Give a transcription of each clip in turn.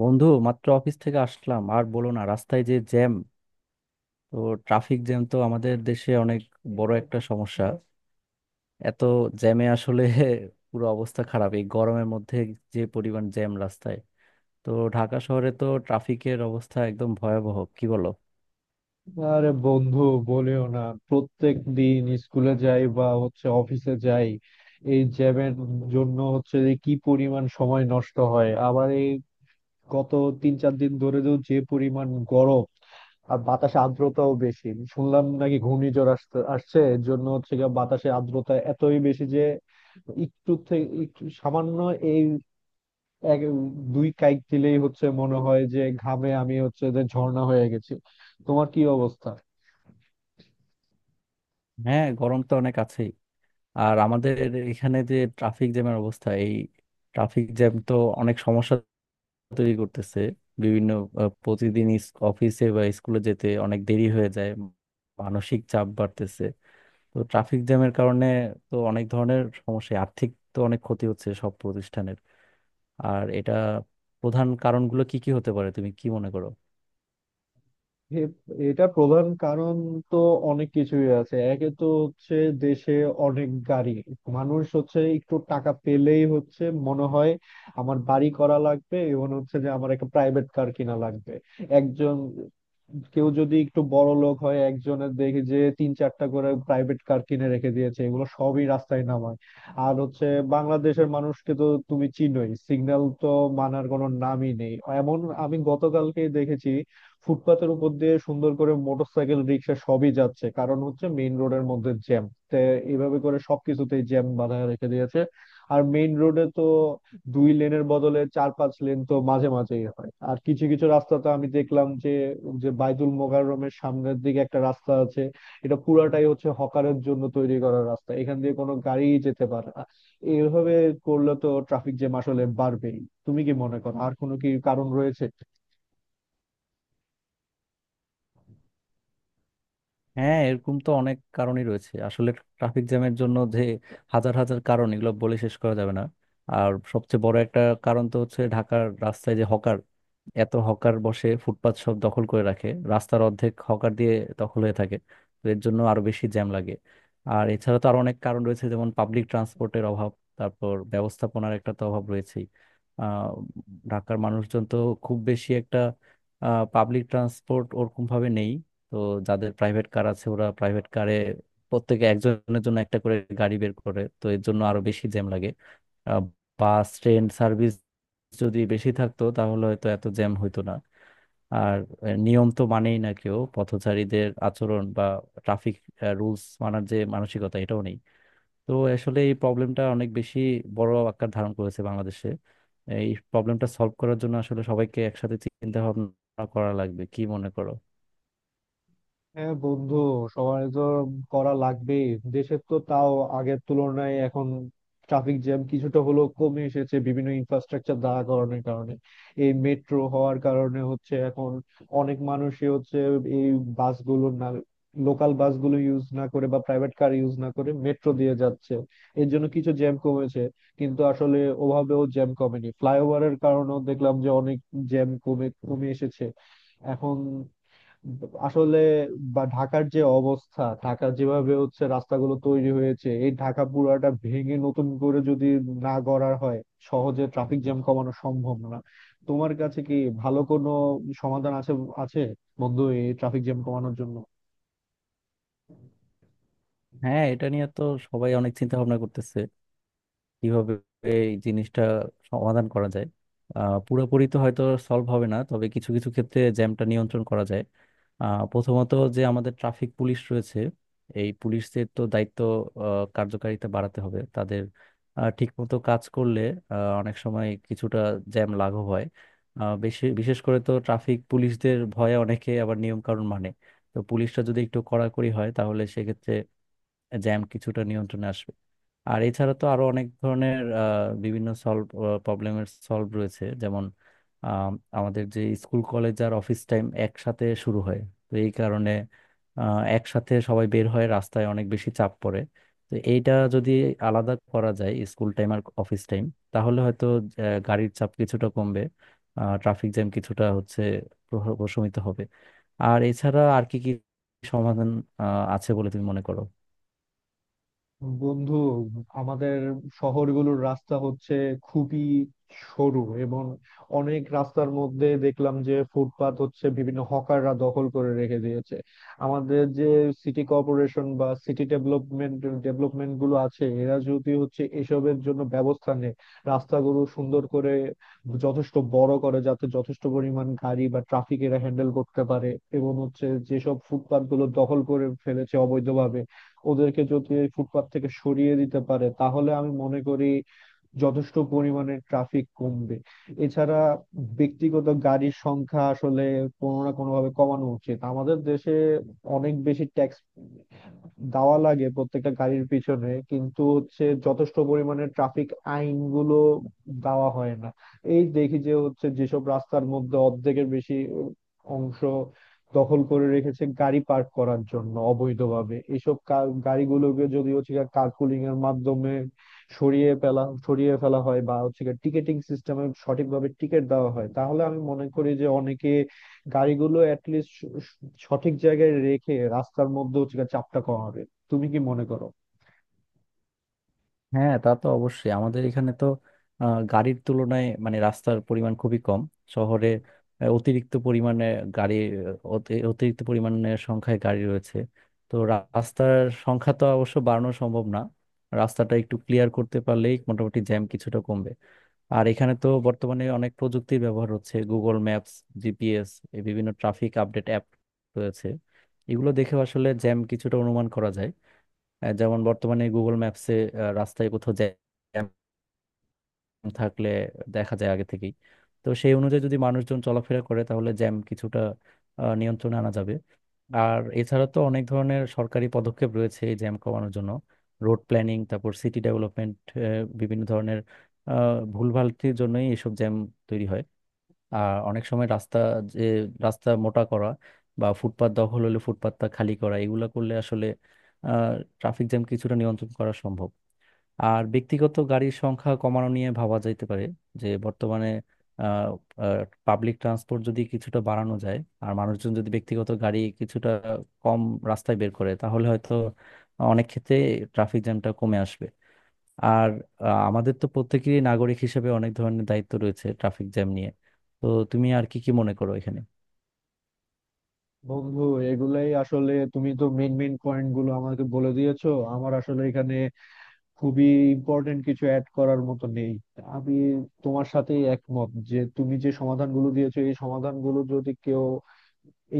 বন্ধু, মাত্র অফিস থেকে আসলাম। আর বলো না, রাস্তায় যে জ্যাম! তো ট্রাফিক জ্যাম তো আমাদের দেশে অনেক বড় একটা সমস্যা। এত জ্যামে আসলে পুরো অবস্থা খারাপ। এই গরমের মধ্যে যে পরিমাণ জ্যাম রাস্তায়! তো ঢাকা শহরে তো ট্রাফিকের অবস্থা একদম ভয়াবহ, কি বলো? আরে বন্ধু, বলিও না। প্রত্যেক দিন স্কুলে যাই বা হচ্ছে অফিসে যাই, এই জ্যামের জন্য হচ্ছে যে কি পরিমাণ সময় নষ্ট হয়। আবার এই গত 3-4 দিন ধরে তো যে পরিমাণ গরম, আর বাতাসে আর্দ্রতাও বেশি। শুনলাম নাকি ঘূর্ণিঝড় আসতে আসছে, এর জন্য হচ্ছে গিয়ে বাতাসে আর্দ্রতা এতই বেশি যে একটু থেকে একটু সামান্য এই এক দুই কাইক দিলেই হচ্ছে মনে হয় যে ঘামে আমি হচ্ছে যে ঝর্ণা হয়ে গেছি। তোমার কি অবস্থা? হ্যাঁ, গরম তো অনেক আছেই। আর আমাদের এখানে যে ট্রাফিক জ্যামের অবস্থা, এই ট্রাফিক জ্যাম তো অনেক সমস্যা তৈরি করতেছে বিভিন্ন। প্রতিদিন অফিসে বা স্কুলে যেতে অনেক দেরি হয়ে যায়, মানসিক চাপ বাড়তেছে তো ট্রাফিক জ্যামের কারণে। তো অনেক ধরনের সমস্যা, আর্থিক তো অনেক ক্ষতি হচ্ছে সব প্রতিষ্ঠানের। আর এটা প্রধান কারণগুলো কি কি হতে পারে, তুমি কি মনে করো? এ- এটা প্রধান কারণ তো অনেক কিছুই আছে। একে তো হচ্ছে দেশে অনেক গাড়ি, মানুষ হচ্ছে একটু টাকা পেলেই হচ্ছে মনে হয় আমার বাড়ি করা লাগবে এবং হচ্ছে যে আমার একটা প্রাইভেট কার কিনা লাগবে। একজন কেউ যদি একটু বড় লোক হয়, একজনের দেখি যে 3-4টা করে প্রাইভেট কার কিনে রেখে দিয়েছে, এগুলো সবই রাস্তায় নামায়। আর হচ্ছে বাংলাদেশের মানুষকে তো তুমি চিনোই, সিগন্যাল তো মানার কোনো নামই নেই। এমন আমি গতকালকে দেখেছি, ফুটপাতের উপর দিয়ে সুন্দর করে মোটরসাইকেল, রিক্সা সবই যাচ্ছে, কারণ হচ্ছে মেইন রোডের মধ্যে জ্যাম। এইভাবে করে সবকিছুতেই জ্যাম বাঁধায় রেখে দিয়েছে। আর মেইন রোডে তো 2 লেনের বদলে 4-5 লেন তো মাঝে মাঝেই হয়। আর কিছু কিছু রাস্তা তো আমি দেখলাম যে, যে বাইতুল মোকাররমের সামনের দিকে একটা রাস্তা আছে, এটা পুরাটাই হচ্ছে হকারের জন্য তৈরি করা রাস্তা, এখান দিয়ে কোনো গাড়ি যেতে পারে না। এইভাবে করলে তো ট্রাফিক জ্যাম আসলে বাড়বেই। তুমি কি মনে করো, আর কোনো কি কারণ রয়েছে? হ্যাঁ, এরকম তো অনেক কারণই রয়েছে আসলে। ট্রাফিক জ্যামের জন্য যে হাজার হাজার কারণ, এগুলো বলে শেষ করা যাবে না। আর সবচেয়ে বড় একটা কারণ তো হচ্ছে ঢাকার রাস্তায় যে হকার, এত হকার বসে ফুটপাত সব দখল করে রাখে। রাস্তার অর্ধেক হকার দিয়ে দখল হয়ে থাকে, তো এর জন্য আরো বেশি জ্যাম লাগে। আর এছাড়া তো আরো অনেক কারণ রয়েছে, যেমন পাবলিক ট্রান্সপোর্টের অভাব, তারপর ব্যবস্থাপনার একটা তো অভাব রয়েছেই। আহ ঢাকার মানুষজন তো খুব বেশি একটা পাবলিক ট্রান্সপোর্ট ওরকম ভাবে নেই। তো যাদের প্রাইভেট কার আছে ওরা প্রাইভেট কারে প্রত্যেকে একজনের জন্য একটা করে গাড়ি বের করে, তো এর জন্য আরো বেশি জ্যাম লাগে। আহ, বাস ট্রেন সার্ভিস যদি বেশি থাকতো তাহলে হয়তো এত জ্যাম হইতো না। আর নিয়ম তো মানেই না কেউ, পথচারীদের আচরণ বা ট্রাফিক রুলস মানার যে মানসিকতা এটাও নেই। তো আসলে এই প্রবলেমটা অনেক বেশি বড় আকার ধারণ করেছে বাংলাদেশে। এই প্রবলেমটা সলভ করার জন্য আসলে সবাইকে একসাথে চিন্তা ভাবনা করা লাগবে, কি মনে করো? হ্যাঁ বন্ধু, সবার তো করা লাগবেই। দেশের তো তাও আগের তুলনায় এখন ট্রাফিক জ্যাম কিছুটা হলেও কমে এসেছে বিভিন্ন ইনফ্রাস্ট্রাকচার দাঁড়া করানোর কারণে। এই মেট্রো হওয়ার কারণে হচ্ছে এখন অনেক মানুষই হচ্ছে এই বাসগুলো না, লোকাল বাসগুলো ইউজ না করে বা প্রাইভেট কার ইউজ না করে মেট্রো দিয়ে যাচ্ছে, এর জন্য কিছু জ্যাম কমেছে। কিন্তু আসলে ওভাবেও জ্যাম কমেনি। ফ্লাইওভারের কারণেও দেখলাম যে অনেক জ্যাম কমে কমে এসেছে এখন। আসলে বা ঢাকার যে অবস্থা, ঢাকা যেভাবে হচ্ছে রাস্তাগুলো তৈরি হয়েছে, এই ঢাকা পুরাটা ভেঙে নতুন করে যদি না গড়া হয়, সহজে ট্রাফিক জ্যাম কমানো সম্ভব না। তোমার কাছে কি ভালো কোনো সমাধান আছে? আছে বন্ধু, এই ট্রাফিক জ্যাম কমানোর জন্য। হ্যাঁ, এটা নিয়ে তো সবাই অনেক চিন্তা ভাবনা করতেছে কিভাবে এই জিনিসটা সমাধান করা যায়। আহ, পুরোপুরি তো হয়তো সলভ হবে না, তবে কিছু কিছু ক্ষেত্রে জ্যামটা নিয়ন্ত্রণ করা যায়। প্রথমত যে আমাদের ট্রাফিক পুলিশ রয়েছে, এই পুলিশদের তো দায়িত্ব কার্যকারিতা বাড়াতে হবে তাদের। ঠিকমতো কাজ করলে অনেক সময় কিছুটা জ্যাম লাঘব হয়। বেশি বিশেষ করে তো ট্রাফিক পুলিশদের ভয়ে অনেকে আবার নিয়ম কানুন মানে। তো পুলিশটা যদি একটু কড়াকড়ি হয় তাহলে সেক্ষেত্রে জ্যাম কিছুটা নিয়ন্ত্রণে আসবে। আর এছাড়া তো আরো অনেক ধরনের বিভিন্ন প্রবলেমের সলভ রয়েছে, যেমন আম, আমাদের যে স্কুল কলেজ আর অফিস টাইম একসাথে শুরু হয়, তো এই কারণে একসাথে সবাই বের হয়, রাস্তায় অনেক বেশি চাপ পড়ে। তো এইটা যদি আলাদা করা যায়, স্কুল টাইম আর অফিস টাইম, তাহলে হয়তো গাড়ির চাপ কিছুটা কমবে, ট্রাফিক জ্যাম কিছুটা হচ্ছে প্রশমিত হবে। আর এছাড়া আর কি কি সমাধান আছে বলে তুমি মনে করো? বন্ধু, আমাদের শহরগুলোর রাস্তা হচ্ছে খুবই সরু, এবং অনেক রাস্তার মধ্যে দেখলাম যে ফুটপাত হচ্ছে বিভিন্ন হকাররা দখল করে রেখে দিয়েছে। আমাদের যে সিটি কর্পোরেশন বা সিটি ডেভেলপমেন্ট ডেভেলপমেন্ট গুলো আছে এরা যদি হচ্ছে এসবের জন্য ব্যবস্থা নেয়, রাস্তাগুলো সুন্দর করে যথেষ্ট বড় করে যাতে যথেষ্ট পরিমাণ গাড়ি বা ট্রাফিক এরা হ্যান্ডেল করতে পারে, এবং হচ্ছে যেসব ফুটপাত গুলো দখল করে ফেলেছে অবৈধভাবে, ওদেরকে যদি এই ফুটপাত থেকে সরিয়ে দিতে পারে, তাহলে আমি মনে করি যথেষ্ট পরিমাণে ট্রাফিক কমবে। এছাড়া ব্যক্তিগত গাড়ির সংখ্যা আসলে কোনো না কোনো ভাবে কমানো উচিত। আমাদের দেশে অনেক বেশি ট্যাক্স দেওয়া লাগে প্রত্যেকটা গাড়ির পিছনে, কিন্তু হচ্ছে যথেষ্ট পরিমাণে ট্রাফিক আইন গুলো দেওয়া হয় না। এই দেখি যে হচ্ছে যেসব রাস্তার মধ্যে অর্ধেকের বেশি অংশ দখল করে রেখেছে গাড়ি পার্ক করার জন্য অবৈধভাবে, এইসব গাড়িগুলোকে যদি হচ্ছে কার্পুলিং এর মাধ্যমে সরিয়ে ফেলা হয় বা হচ্ছে টিকেটিং সিস্টেমে সঠিকভাবে টিকিট দেওয়া হয়, তাহলে আমি মনে করি যে অনেকে গাড়িগুলো অ্যাটলিস্ট সঠিক জায়গায় রেখে রাস্তার মধ্যে হচ্ছে গিয়ে চাপটা কমাবে। তুমি কি মনে করো? হ্যাঁ, তা তো অবশ্যই। আমাদের এখানে তো গাড়ির তুলনায় মানে রাস্তার পরিমাণ খুবই কম। শহরে অতিরিক্ত পরিমাণে গাড়ি, অতিরিক্ত পরিমাণে সংখ্যায় গাড়ি রয়েছে। তো রাস্তার সংখ্যা তো অবশ্য বাড়ানো সম্ভব না, রাস্তাটা একটু ক্লিয়ার করতে পারলেই মোটামুটি জ্যাম কিছুটা কমবে। আর এখানে তো বর্তমানে অনেক প্রযুক্তির ব্যবহার হচ্ছে, গুগল ম্যাপস, জিপিএস, বিভিন্ন ট্রাফিক আপডেট অ্যাপ রয়েছে। এগুলো দেখে আসলে জ্যাম কিছুটা অনুমান করা যায়। আহ, যেমন বর্তমানে গুগল ম্যাপসে রাস্তায় কোথাও জ্যাম থাকলে দেখা যায় আগে থেকেই। তো সেই অনুযায়ী যদি মানুষজন চলাফেরা করে তাহলে জ্যাম কিছুটা নিয়ন্ত্রণে আনা যাবে। আর এছাড়া তো অনেক ধরনের সরকারি পদক্ষেপ রয়েছে এই জ্যাম কমানোর জন্য। রোড প্ল্যানিং, তারপর সিটি ডেভেলপমেন্ট, বিভিন্ন ধরনের আহ, ভুলভালটির জন্যই এসব জ্যাম তৈরি হয়। আর অনেক সময় রাস্তা, যে রাস্তা মোটা করা বা ফুটপাত দখল হলে ফুটপাতটা খালি করা, এগুলো করলে আসলে ট্রাফিক জ্যাম কিছুটা নিয়ন্ত্রণ করা সম্ভব। আর ব্যক্তিগত গাড়ির সংখ্যা কমানো নিয়ে ভাবা যাইতে পারে। যে বর্তমানে পাবলিক ট্রান্সপোর্ট যদি কিছুটা বাড়ানো যায়, আর মানুষজন যদি ব্যক্তিগত গাড়ি কিছুটা কম রাস্তায় বের করে তাহলে হয়তো অনেক ক্ষেত্রে ট্রাফিক জ্যামটা কমে আসবে। আর আমাদের তো প্রত্যেকেরই নাগরিক হিসেবে অনেক ধরনের দায়িত্ব রয়েছে ট্রাফিক জ্যাম নিয়ে। তো তুমি আর কি কি মনে করো এখানে? বন্ধু, এগুলাই আসলে, তুমি তো মেন মেন পয়েন্ট গুলো আমাকে বলে দিয়েছো, আমার আসলে এখানে খুবই ইম্পর্টেন্ট কিছু অ্যাড করার মতো নেই। আমি তোমার সাথে একমত যে তুমি যে সমাধানগুলো দিয়েছো এই সমাধানগুলো যদি কেউ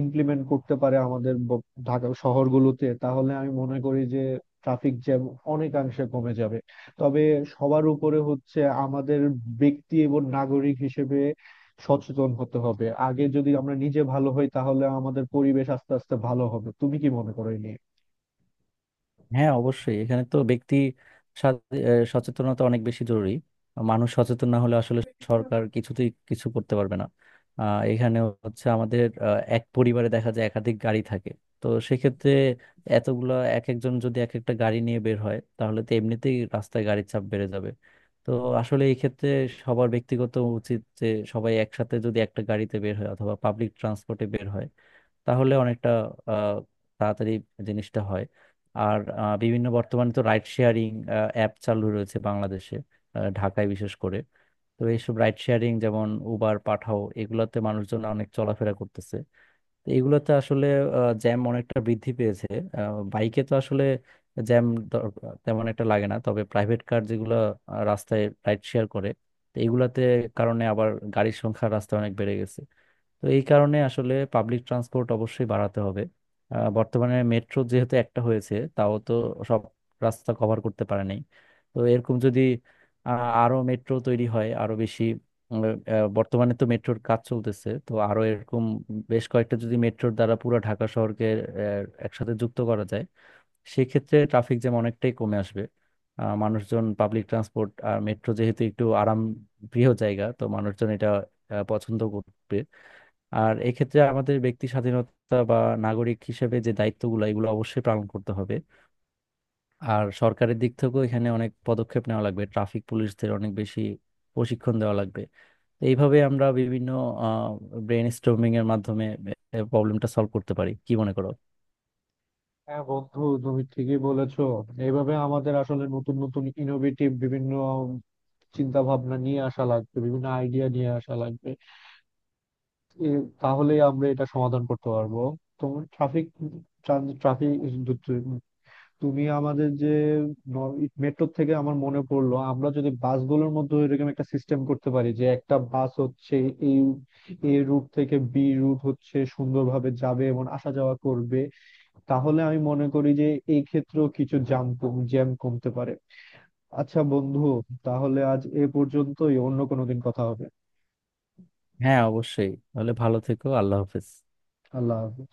ইমপ্লিমেন্ট করতে পারে আমাদের ঢাকা শহরগুলোতে, তাহলে আমি মনে করি যে ট্রাফিক জ্যাম অনেকাংশে কমে যাবে। তবে সবার উপরে হচ্ছে আমাদের ব্যক্তি এবং নাগরিক হিসেবে সচেতন হতে হবে। আগে যদি আমরা নিজে ভালো হই, তাহলে আমাদের পরিবেশ আস্তে আস্তে ভালো হবে। তুমি কি মনে করো এই নিয়ে? হ্যাঁ, অবশ্যই। এখানে তো ব্যক্তি স্বা- এ, সচেতনতা অনেক বেশি জরুরি। মানুষ সচেতন না হলে আসলে সরকার কিছুতেই কিছু করতে পারবে না। আহ, এখানে হচ্ছে আমাদের আহ, এক পরিবারে দেখা যায় একাধিক গাড়ি থাকে। তো সেক্ষেত্রে এতগুলা এক একজন যদি এক একটা গাড়ি নিয়ে বের হয় তাহলে তো এমনিতেই রাস্তায় গাড়ির চাপ বেড়ে যাবে। তো আসলে এই ক্ষেত্রে সবার ব্যক্তিগত উচিত যে সবাই একসাথে যদি একটা গাড়িতে বের হয় অথবা পাবলিক ট্রান্সপোর্টে বের হয়, তাহলে অনেকটা আহ, তাড়াতাড়ি জিনিসটা হয়। আর বিভিন্ন বর্তমানে তো রাইড শেয়ারিং অ্যাপ চালু রয়েছে বাংলাদেশে, আহ, ঢাকায় বিশেষ করে। তো এইসব রাইড শেয়ারিং যেমন উবার, পাঠাও, এগুলোতে মানুষজন অনেক চলাফেরা করতেছে। তো এগুলোতে আসলে জ্যাম অনেকটা বৃদ্ধি পেয়েছে। বাইকে তো আসলে জ্যাম তেমন একটা লাগে না, তবে প্রাইভেট কার যেগুলো রাস্তায় রাইড শেয়ার করে তো এগুলাতে কারণে আবার গাড়ির সংখ্যা রাস্তায় অনেক বেড়ে গেছে। তো এই কারণে আসলে পাবলিক ট্রান্সপোর্ট অবশ্যই বাড়াতে হবে। আহ, বর্তমানে মেট্রো যেহেতু একটা হয়েছে তাও তো সব রাস্তা কভার করতে পারে নাই। তো এরকম যদি আ- আরো মেট্রো তৈরি হয়, আরো বেশি উম, বর্তমানে তো মেট্রোর কাজ চলতেছে, তো আরো এরকম বেশ কয়েকটা যদি মেট্রোর দ্বারা পুরো ঢাকা শহরকে একসাথে যুক্ত করা যায়, সেক্ষেত্রে ট্রাফিক জ্যাম অনেকটাই কমে আসবে। আহ, মানুষজন পাবলিক ট্রান্সপোর্ট আর মেট্রো যেহেতু একটু আরাম প্রিয় জায়গা, তো মানুষজন এটা পছন্দ করবে। আর এক্ষেত্রে আমাদের ব্যক্তি স্বাধীনতা বা নাগরিক হিসেবে যে দায়িত্বগুলো এগুলো অবশ্যই পালন করতে হবে। আর সরকারের দিক থেকেও এখানে অনেক পদক্ষেপ নেওয়া লাগবে, ট্রাফিক পুলিশদের অনেক বেশি প্রশিক্ষণ দেওয়া লাগবে। তো এইভাবে আমরা বিভিন্ন ব্রেন স্টর্মিং এর মাধ্যমে প্রবলেমটা সলভ করতে পারি, কি মনে করো? হ্যাঁ বন্ধু, তুমি ঠিকই বলেছো। এইভাবে আমাদের আসলে নতুন নতুন ইনোভেটিভ বিভিন্ন চিন্তা ভাবনা নিয়ে আসা লাগবে, বিভিন্ন আইডিয়া নিয়ে আসা লাগবে, এ, তাহলে আমরা এটা সমাধান করতে পারবো। তোমার ট্রাফিক ট্রাফিক তুমি আমাদের যে মেট্রো থেকে আমার মনে পড়লো, আমরা যদি বাসগুলোর মধ্যে এরকম একটা সিস্টেম করতে পারি যে একটা বাস হচ্ছে এই এ রুট থেকে বি রুট হচ্ছে সুন্দরভাবে যাবে এবং আসা যাওয়া করবে, তাহলে আমি মনে করি যে এই ক্ষেত্রেও কিছু জ্যাম জ্যাম কমতে পারে। আচ্ছা বন্ধু, তাহলে আজ এ পর্যন্তই, অন্য কোনো দিন কথা হবে। হ্যাঁ অবশ্যই, তাহলে ভালো থেকো। আল্লাহ হাফেজ। আল্লাহ হাফেজ।